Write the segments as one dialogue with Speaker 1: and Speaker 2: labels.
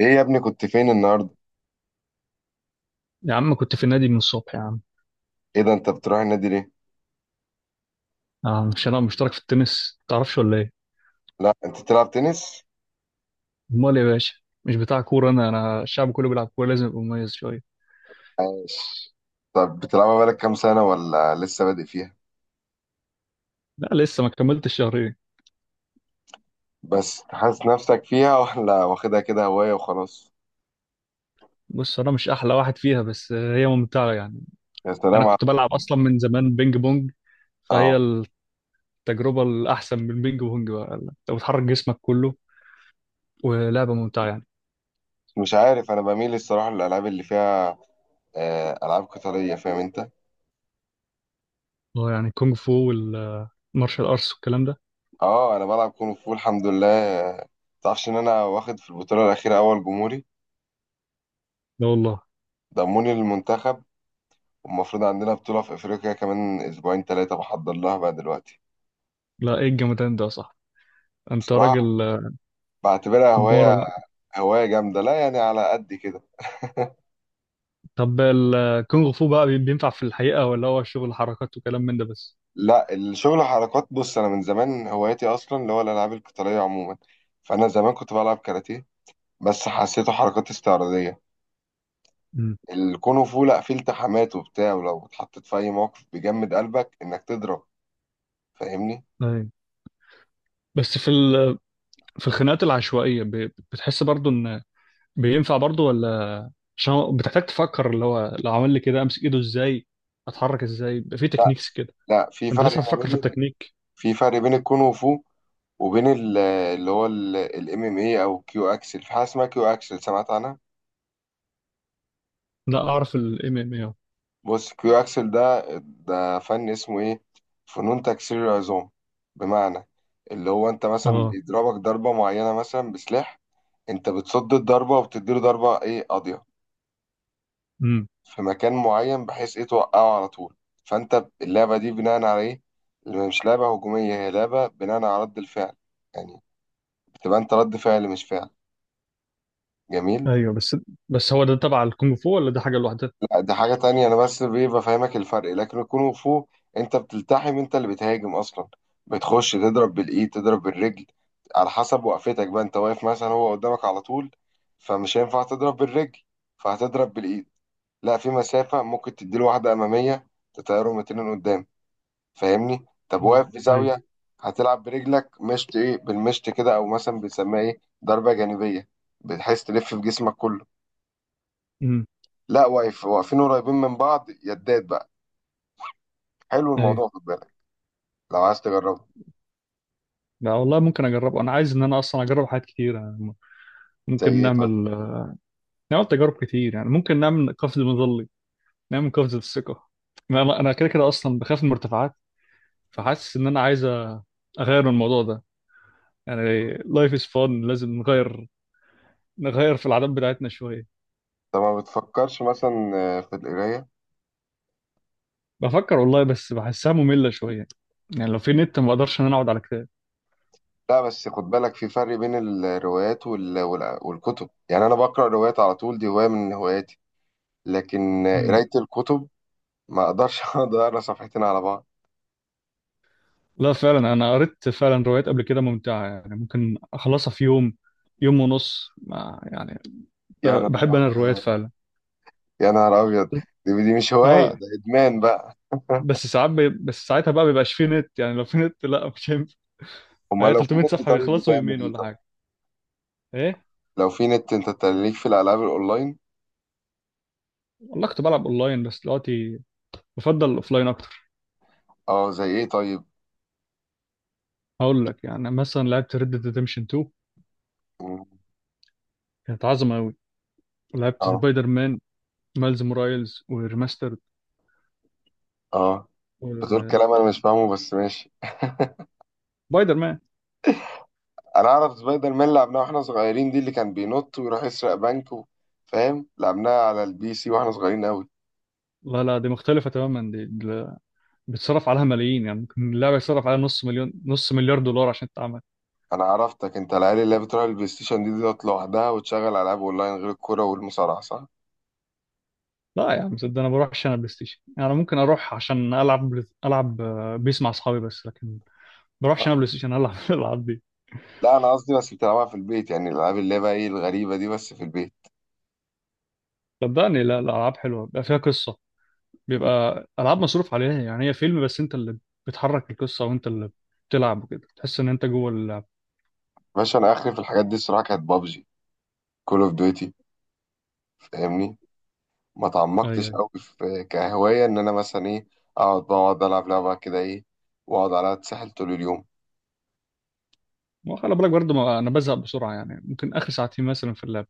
Speaker 1: ايه يا ابني كنت فين النهارده؟
Speaker 2: يا عم كنت في النادي من الصبح يا عم.
Speaker 1: ايه ده، انت بتروح النادي ليه؟
Speaker 2: مش انا مشترك في التنس، متعرفش ولا ايه؟
Speaker 1: لا، انت بتلعب تنس؟
Speaker 2: امال يا باشا! مش بتاع كوره، انا الشعب كله بيلعب كوره، لازم ابقى مميز شويه.
Speaker 1: عاش. طب بتلعبها بقالك كام سنه ولا لسه بادئ فيها؟
Speaker 2: لا، لسه ما كملتش شهرين.
Speaker 1: بس حاسس نفسك فيها ولا واخدها كده هوايه وخلاص؟
Speaker 2: بص، انا مش احلى واحد فيها، بس هي ممتعه يعني.
Speaker 1: يا
Speaker 2: انا
Speaker 1: سلام على.
Speaker 2: كنت بلعب اصلا من زمان بينج بونج. فهي
Speaker 1: اه،
Speaker 2: التجربه الاحسن من البينج بونج، بقى انت بتحرك جسمك كله ولعبه ممتعه يعني.
Speaker 1: مش عارف انا بميل الصراحه للالعاب اللي فيها. العاب قتاليه فاهم انت.
Speaker 2: اه يعني كونغ فو والمارشال ارتس والكلام ده.
Speaker 1: اه، انا بلعب كونغ فو الحمد لله. تعرفش ان انا واخد في البطوله الاخيره اول جمهوري؟
Speaker 2: لا والله.
Speaker 1: ضموني للمنتخب. والمفروض عندنا بطوله في افريقيا كمان اسبوعين ثلاثه بحضر لها بقى دلوقتي.
Speaker 2: لا ايه الجمدان ده يا صاحبي، انت راجل
Speaker 1: بعتبرها هواية.
Speaker 2: كبارة.
Speaker 1: هواية جامدة، لا يعني على قد كده.
Speaker 2: طب الكونغ فو بقى بينفع في الحقيقة ولا هو شغل حركات وكلام من ده بس؟
Speaker 1: لا، الشغل حركات. بص، أنا من زمان هوايتي أصلا اللي هو الألعاب القتالية عموما. فأنا زمان كنت بلعب كاراتيه. بس حسيته حركات استعراضية.
Speaker 2: امم.
Speaker 1: الكونغ فو لا، فيه التحامات وبتاع، ولو اتحطيت في أي موقف بيجمد قلبك إنك تضرب. فاهمني.
Speaker 2: ايوه، بس في الخناقات العشوائية بتحس برضو ان بينفع برضو ولا؟ عشان هو بتحتاج تفكر، اللي هو لو عمل لي كده امسك ايده ازاي، اتحرك ازاي، بيبقى في تكنيكس كده.
Speaker 1: لا، في
Speaker 2: انت
Speaker 1: فرق
Speaker 2: لسه
Speaker 1: ما
Speaker 2: هتفكر في
Speaker 1: بين
Speaker 2: التكنيك؟
Speaker 1: في فرق بين الكونغ فو وبين اللي هو الام ام اي او كيو اكسل. في حاجه اسمها كيو اكسل، سمعت عنها؟
Speaker 2: لا، اعرف الام ام اي.
Speaker 1: بص، كيو اكسل ده فن اسمه ايه. فنون تكسير العظام. بمعنى، اللي هو انت مثلا
Speaker 2: اه.
Speaker 1: بيضربك ضربه معينه مثلا بسلاح، انت بتصد الضربه وبتديله ضربه ايه قاضيه،
Speaker 2: امم.
Speaker 1: في مكان معين بحيث ايه توقعه على طول. فانت اللعبه دي بناء على ايه، اللي مش لعبه هجوميه، هي لعبه بناء على رد الفعل. يعني بتبقى انت رد فعل مش فعل. جميل.
Speaker 2: ايوه، بس هو ده تبع الكونغ فو ولا ده حاجة لوحدها؟
Speaker 1: لا دي حاجة تانية، أنا بس بيه بفهمك الفرق. لكن الكونغ فو أنت بتلتحم، أنت اللي بتهاجم أصلا. بتخش تضرب بالإيد، تضرب بالرجل. على حسب وقفتك بقى، أنت واقف مثلا هو قدامك على طول، فمش هينفع تضرب بالرجل، فهتضرب بالإيد. لا، في مسافة، ممكن تديله واحدة أمامية تطيره مترين قدام. فاهمني؟ طب
Speaker 2: اه
Speaker 1: واقف في
Speaker 2: ايوه.
Speaker 1: زاوية، هتلعب برجلك مشط إيه، بالمشط كده، أو مثلا بنسميها إيه ضربة جانبية. بتحس تلف في جسمك كله.
Speaker 2: امم.
Speaker 1: لا، واقف واقفين قريبين من بعض، يدات بقى. حلو
Speaker 2: ايوه.
Speaker 1: الموضوع، خد بالك. لو عايز تجربه.
Speaker 2: لا والله، ممكن اجربه، انا عايز ان انا اصلا اجرب حاجات كتير أنا.
Speaker 1: زي
Speaker 2: ممكن
Speaker 1: ايه طيب؟
Speaker 2: نعمل، نعمل تجارب كتير يعني. ممكن نعمل قفز مظلي، نعمل قفزة الثقة. أنا كده كده أصلا بخاف من المرتفعات، فحاسس إن أنا عايز أغير من الموضوع ده. يعني لايف از فان، لازم نغير، نغير في العادات بتاعتنا شوية.
Speaker 1: انت ما بتفكرش مثلا في القرايه؟
Speaker 2: بفكر والله، بس بحسها مملة شوية. يعني لو في نت ما بقدرش إن أنا أقعد على كتاب.
Speaker 1: لا، بس خد بالك، في فرق بين الروايات والكتب، يعني انا بقرا روايات على طول، دي هوايه من هواياتي. لكن
Speaker 2: مم.
Speaker 1: قرايه الكتب ما اقدرش اقعد اقرا صفحتين على بعض.
Speaker 2: لا، فعلا أنا قريت فعلا روايات قبل كده ممتعة، يعني ممكن أخلصها في يوم، يوم ونص ما يعني.
Speaker 1: يا
Speaker 2: بحب
Speaker 1: نهار
Speaker 2: أنا الروايات
Speaker 1: ابيض.
Speaker 2: فعلا.
Speaker 1: يا نهار ابيض. دي مش هوايه،
Speaker 2: آه.
Speaker 1: ده ادمان بقى.
Speaker 2: بس ساعتها بقى بيبقاش فيه نت، يعني لو في نت لا مش هينفع.
Speaker 1: امال
Speaker 2: هي
Speaker 1: لو في
Speaker 2: 300
Speaker 1: نت
Speaker 2: صفحة
Speaker 1: طيب،
Speaker 2: بيخلصوا
Speaker 1: بتعمل
Speaker 2: يومين
Speaker 1: ايه
Speaker 2: ولا
Speaker 1: طيب؟
Speaker 2: حاجة، ايه.
Speaker 1: لو في نت انت تليك في الالعاب الاونلاين.
Speaker 2: والله كنت بلعب اونلاين، بس دلوقتي بفضل الاوفلاين اكتر.
Speaker 1: اه، زي ايه طيب؟
Speaker 2: هقول لك، يعني مثلا لعبت ريد ديد ريدمشن 2،
Speaker 1: مم.
Speaker 2: كانت عظمة قوي. لعبت
Speaker 1: اه،
Speaker 2: سبايدر مان مايلز مورايلز وريماسترد.
Speaker 1: اه، بتقول
Speaker 2: و-
Speaker 1: كلام انا مش فاهمه بس ماشي.
Speaker 2: سبايدر مان.
Speaker 1: انا اعرف سبايدر مان، لعبناه واحنا صغيرين، دي اللي كان بينط ويروح يسرق بنك. فاهم، لعبناها على البي سي واحنا صغيرين قوي.
Speaker 2: لا لا، دي مختلفة تماما، بيتصرف عليها ملايين، يعني ممكن اللعبة يتصرف عليها نص مليون، نص مليار دولار عشان تتعمل.
Speaker 1: انا عرفتك، انت العيال اللي هي بتروح البلاي ستيشن دي ديت لوحدها وتشغل العاب اونلاين غير الكوره والمصارعه، صح؟
Speaker 2: لا يا عم، صدق، انا بروح عشان بلاي ستيشن يعني، ممكن اروح عشان العب العب بيس مع اصحابي بس، لكن ما
Speaker 1: آه.
Speaker 2: بروحش انا بلاي ستيشن العب الالعاب دي.
Speaker 1: لا، انا قصدي بس بتلعبها في البيت، يعني الالعاب اللي هي بقى ايه الغريبه دي، بس في البيت.
Speaker 2: صدقني لا، الالعاب حلوه، بيبقى فيها قصه،
Speaker 1: م.
Speaker 2: بيبقى العاب مصروف عليها يعني، هي فيلم بس انت اللي بتحرك القصه وانت اللي بتلعب وكده، تحس ان انت جوه اللعب.
Speaker 1: باشا، انا اخري في الحاجات دي الصراحه، كانت بابجي، كول اوف ديوتي، فاهمني. ما
Speaker 2: ايوه
Speaker 1: تعمقتش
Speaker 2: ايوه.
Speaker 1: قوي في كهوايه ان انا مثلا ايه، اقعد بقعد العب لعبه كده ايه واقعد عليها اتسحل طول اليوم.
Speaker 2: وخلي بالك برضه، ما انا بزهق بسرعه، يعني ممكن اخر ساعتين مثلا في اللعب.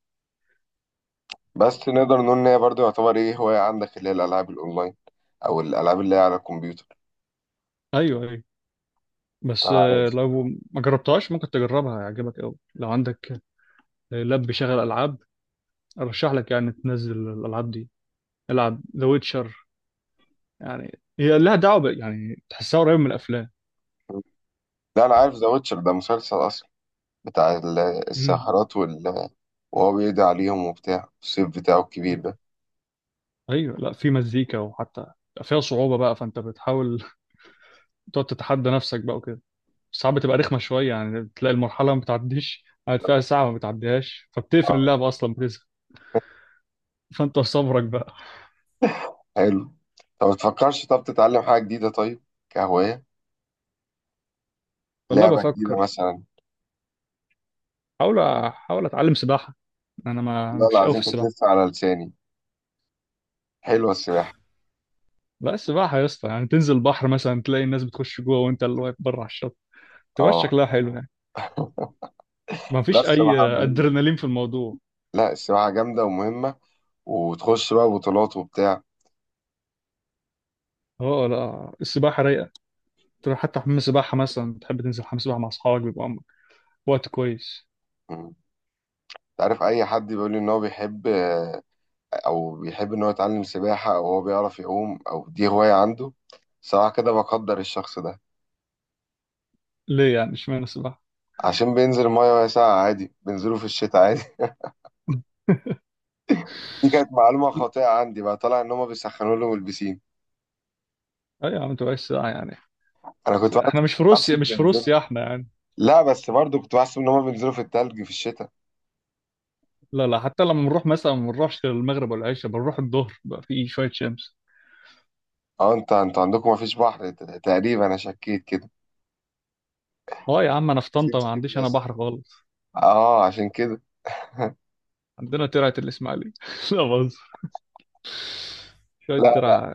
Speaker 1: بس نقدر نقول ان هي برضه يعتبر ايه هواية عندك، اللي هي الالعاب الاونلاين او الالعاب اللي هي على الكمبيوتر.
Speaker 2: ايوه ايوه. بس
Speaker 1: طب عايز.
Speaker 2: لو ما جربتهاش ممكن تجربها، هيعجبك قوي لو عندك لاب بيشغل العاب. ارشح لك يعني تنزل الالعاب دي، العب ذا ويتشر. يعني هي لها دعوه يعني تحسها قريب من الافلام.
Speaker 1: لا، انا عارف ذا ويتشر ده مسلسل اصلا، بتاع
Speaker 2: مم.
Speaker 1: الساحرات وهو بيقضي عليهم وبتاع الصيف بتاعه الكبير ده.
Speaker 2: ايوه، لا في مزيكا، وحتى فيها صعوبة بقى، فانت بتحاول تقعد تتحدى نفسك بقى وكده. ساعات بتبقى رخمة شوية، يعني بتلاقي المرحلة ما بتعديش، قاعد فيها ساعة ما بتعديهاش فبتقفل
Speaker 1: آه،
Speaker 2: اللعبة أصلا بتزهق. فانت صبرك بقى.
Speaker 1: حلو. طب ما تفكرش، طب تتعلم حاجة جديدة طيب، كهواية،
Speaker 2: والله
Speaker 1: لعبة جديدة
Speaker 2: بفكر.
Speaker 1: مثلا.
Speaker 2: احاول احاول اتعلم سباحة، انا ما
Speaker 1: لا،
Speaker 2: مش قوي في
Speaker 1: العظيم كانت
Speaker 2: السباحة.
Speaker 1: لسه على لساني، حلوة السباحة.
Speaker 2: لا، السباحة يا اسطى، يعني تنزل البحر مثلا تلاقي الناس بتخش جوه وانت اللي واقف بره على الشط، تبقى
Speaker 1: اه.
Speaker 2: شكلها حلو يعني. ما
Speaker 1: لا،
Speaker 2: فيش اي
Speaker 1: السباحة مهمة.
Speaker 2: ادرينالين في الموضوع.
Speaker 1: لا، السباحة جامدة ومهمة، وتخش بقى بطولات وبتاع.
Speaker 2: اه لا، السباحة رايقة، تروح حتى حمام سباحة مثلا، بتحب تنزل حمام سباحة مع اصحابك بيبقى وقت كويس.
Speaker 1: تعرف، اي حد بيقول لي ان هو بيحب او بيحب ان هو يتعلم سباحة، او هو بيعرف يعوم، او دي هواية عنده، صراحة كده بقدر الشخص ده.
Speaker 2: ليه يعني، اشمعنى السباحة؟
Speaker 1: عشان بينزل المية وهي ساقعة عادي، بينزلوا في الشتاء عادي. دي كانت معلومة خاطئة عندي بقى، طلع ان هما بيسخنوا لهم البسين.
Speaker 2: اي يا عم، تبقاش ساعة يعني.
Speaker 1: انا
Speaker 2: بس
Speaker 1: كنت
Speaker 2: احنا
Speaker 1: بحس-
Speaker 2: مش في روسيا،
Speaker 1: بحسب
Speaker 2: مش في
Speaker 1: بينزلوا.
Speaker 2: روسيا احنا يعني.
Speaker 1: لا بس برضه كنت بحسب ان هما بينزلوا في التلج في الشتاء.
Speaker 2: لا لا، حتى لما بنروح مثلا ما بنروحش المغرب ولا العشاء، بنروح الظهر بقى في شوية شمس.
Speaker 1: اه، انت انتوا عندكم مفيش بحر، تقريبا انا شكيت كده.
Speaker 2: اه يا عم، انا في
Speaker 1: سيب
Speaker 2: طنطا ما
Speaker 1: سيب
Speaker 2: عنديش انا
Speaker 1: بس.
Speaker 2: بحر خالص.
Speaker 1: اه، عشان كده.
Speaker 2: عندنا ترعة الاسماعيلية. لا بهزر، شوية
Speaker 1: لا،
Speaker 2: ترعة.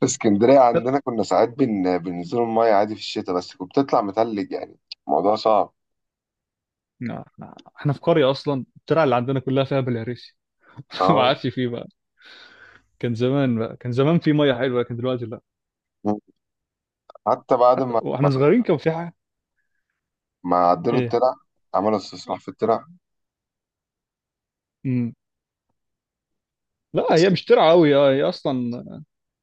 Speaker 1: في اسكندرية
Speaker 2: ترع...
Speaker 1: عندنا كنا ساعات بننزلوا المية عادي في الشتاء، بس كنت بتطلع متلج يعني. الموضوع صعب.
Speaker 2: لا، لا. احنا في قرية اصلا، الترعة اللي عندنا كلها فيها بلهارسي. ما
Speaker 1: اه،
Speaker 2: عادش فيه بقى. كان زمان في مية حلوة لكن دلوقتي لا.
Speaker 1: حتى بعد
Speaker 2: حتى واحنا صغيرين كان في حاجة،
Speaker 1: ما عدلوا
Speaker 2: ايه.
Speaker 1: الترع، عملوا استصلاح في الترع.
Speaker 2: لا
Speaker 1: بس
Speaker 2: هي مش ترعى قوي، اه هي اصلا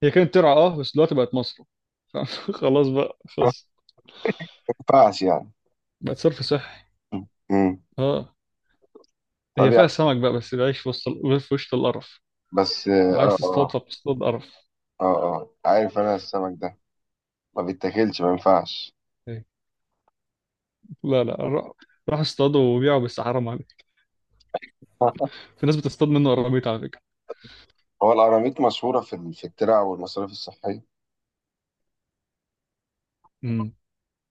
Speaker 2: هي كانت ترعى، اه بس دلوقتي بقت مصرف. خلاص بقى،
Speaker 1: ما
Speaker 2: خلص.
Speaker 1: ينفعش يعني.
Speaker 2: بقت صرف صحي.
Speaker 1: مم.
Speaker 2: اه.
Speaker 1: طب
Speaker 2: هي
Speaker 1: يعني.
Speaker 2: فيها سمك بقى، بس بيعيش في في وسط القرف.
Speaker 1: بس،
Speaker 2: لو
Speaker 1: اه،
Speaker 2: عايز تصطاد
Speaker 1: اه،
Speaker 2: فبتصطاد قرف.
Speaker 1: اه، اه. آه. عارف، انا السمك ده ما بيتاكلش، ما ينفعش.
Speaker 2: إيه. لا لا، روح، روح اصطاده وبيعه، بس حرام عليك. في ناس بتصطاد منه قراميط على فكرة.
Speaker 1: هو القراميط مشهورة في في الترع والمصاريف الصحية؟
Speaker 2: امم.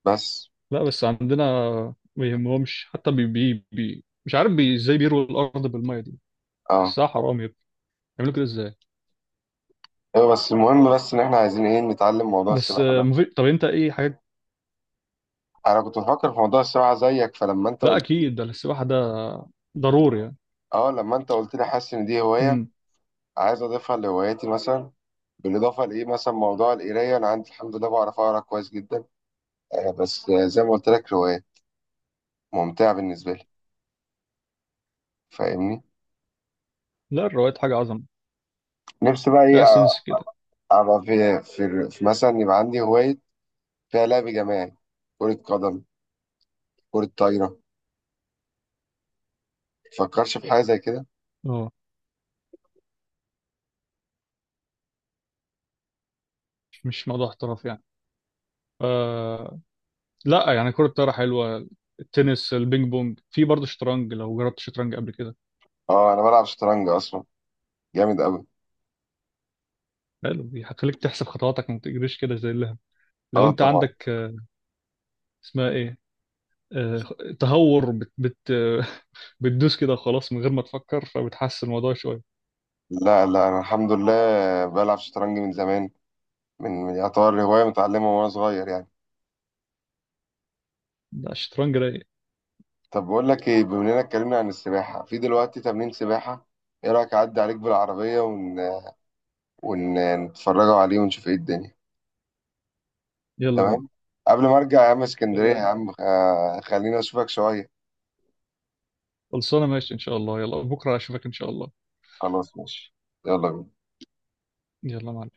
Speaker 1: بس
Speaker 2: لا بس عندنا ما يهمهمش، حتى بي بي, بي. مش عارف بي ازاي بيروا الارض بالميه دي.
Speaker 1: اه.
Speaker 2: حسها حرام يا ابني، يعملوا كده ازاي.
Speaker 1: ايوه، بس المهم، بس ان احنا عايزين ايه، نتعلم موضوع
Speaker 2: بس
Speaker 1: السباحة ده.
Speaker 2: مفيد. طب انت ايه حاجات.
Speaker 1: انا كنت بفكر في موضوع السباحة زيك، فلما انت
Speaker 2: لا
Speaker 1: قلت،
Speaker 2: اكيد، ده السباحه ده ضروري يعني.
Speaker 1: اه، لما انت قلت لي، حاسس ان دي هوايه
Speaker 2: امم.
Speaker 1: عايز اضيفها لهواياتي مثلا. بالاضافه لايه، مثلا موضوع القرايه، انا عندي الحمد لله بعرف اقرا كويس جدا. بس زي ما قلت لك، روايه ممتعه بالنسبه لي، فاهمني.
Speaker 2: لا الروايات حاجة عظمة،
Speaker 1: نفسي بقى ايه
Speaker 2: فيها سنس كده.
Speaker 1: ابقى في مثلا، يبقى عندي هوايه فيها لعب جماعي، كره قدم، كره طايره. متفكرش في حاجه زي كده؟
Speaker 2: اه، مش موضوع احتراف يعني. آه. لا يعني كرة الطايرة حلوة، التنس، البينج بونج، في برضه شطرنج، لو جربت شطرنج قبل كده.
Speaker 1: اه، انا بلعب شطرنج اصلا، جامد قوي.
Speaker 2: حلو، دي هتخليك تحسب خطواتك، ما تجريش كده زي اللهم. لو
Speaker 1: اه،
Speaker 2: انت
Speaker 1: طبعا.
Speaker 2: عندك اسمها ايه، آه، تهور، بت بت. بتدوس كده خلاص من غير ما تفكر، فبتحسن الموضوع شوية.
Speaker 1: لا، لا، انا الحمد لله بلعب شطرنج من زمان. يعتبر هوايه متعلمه وانا صغير يعني.
Speaker 2: لا الشطرنج رايق.
Speaker 1: طب بقول لك ايه، بما اننا اتكلمنا عن السباحة، في دلوقتي تمرين سباحة، ايه رأيك اعدي عليك بالعربية ونتفرجوا عليه ونشوف ايه الدنيا.
Speaker 2: يلا بينا.
Speaker 1: تمام. قبل ما ارجع يا عم اسكندرية يا
Speaker 2: تمام،
Speaker 1: عم، خلينا اشوفك شوية.
Speaker 2: خلصانة، ماشي ان شاء الله، يلا بكرة اشوفك ان شاء الله.
Speaker 1: خلاص ماشي. يلا بينا.
Speaker 2: يلا مع.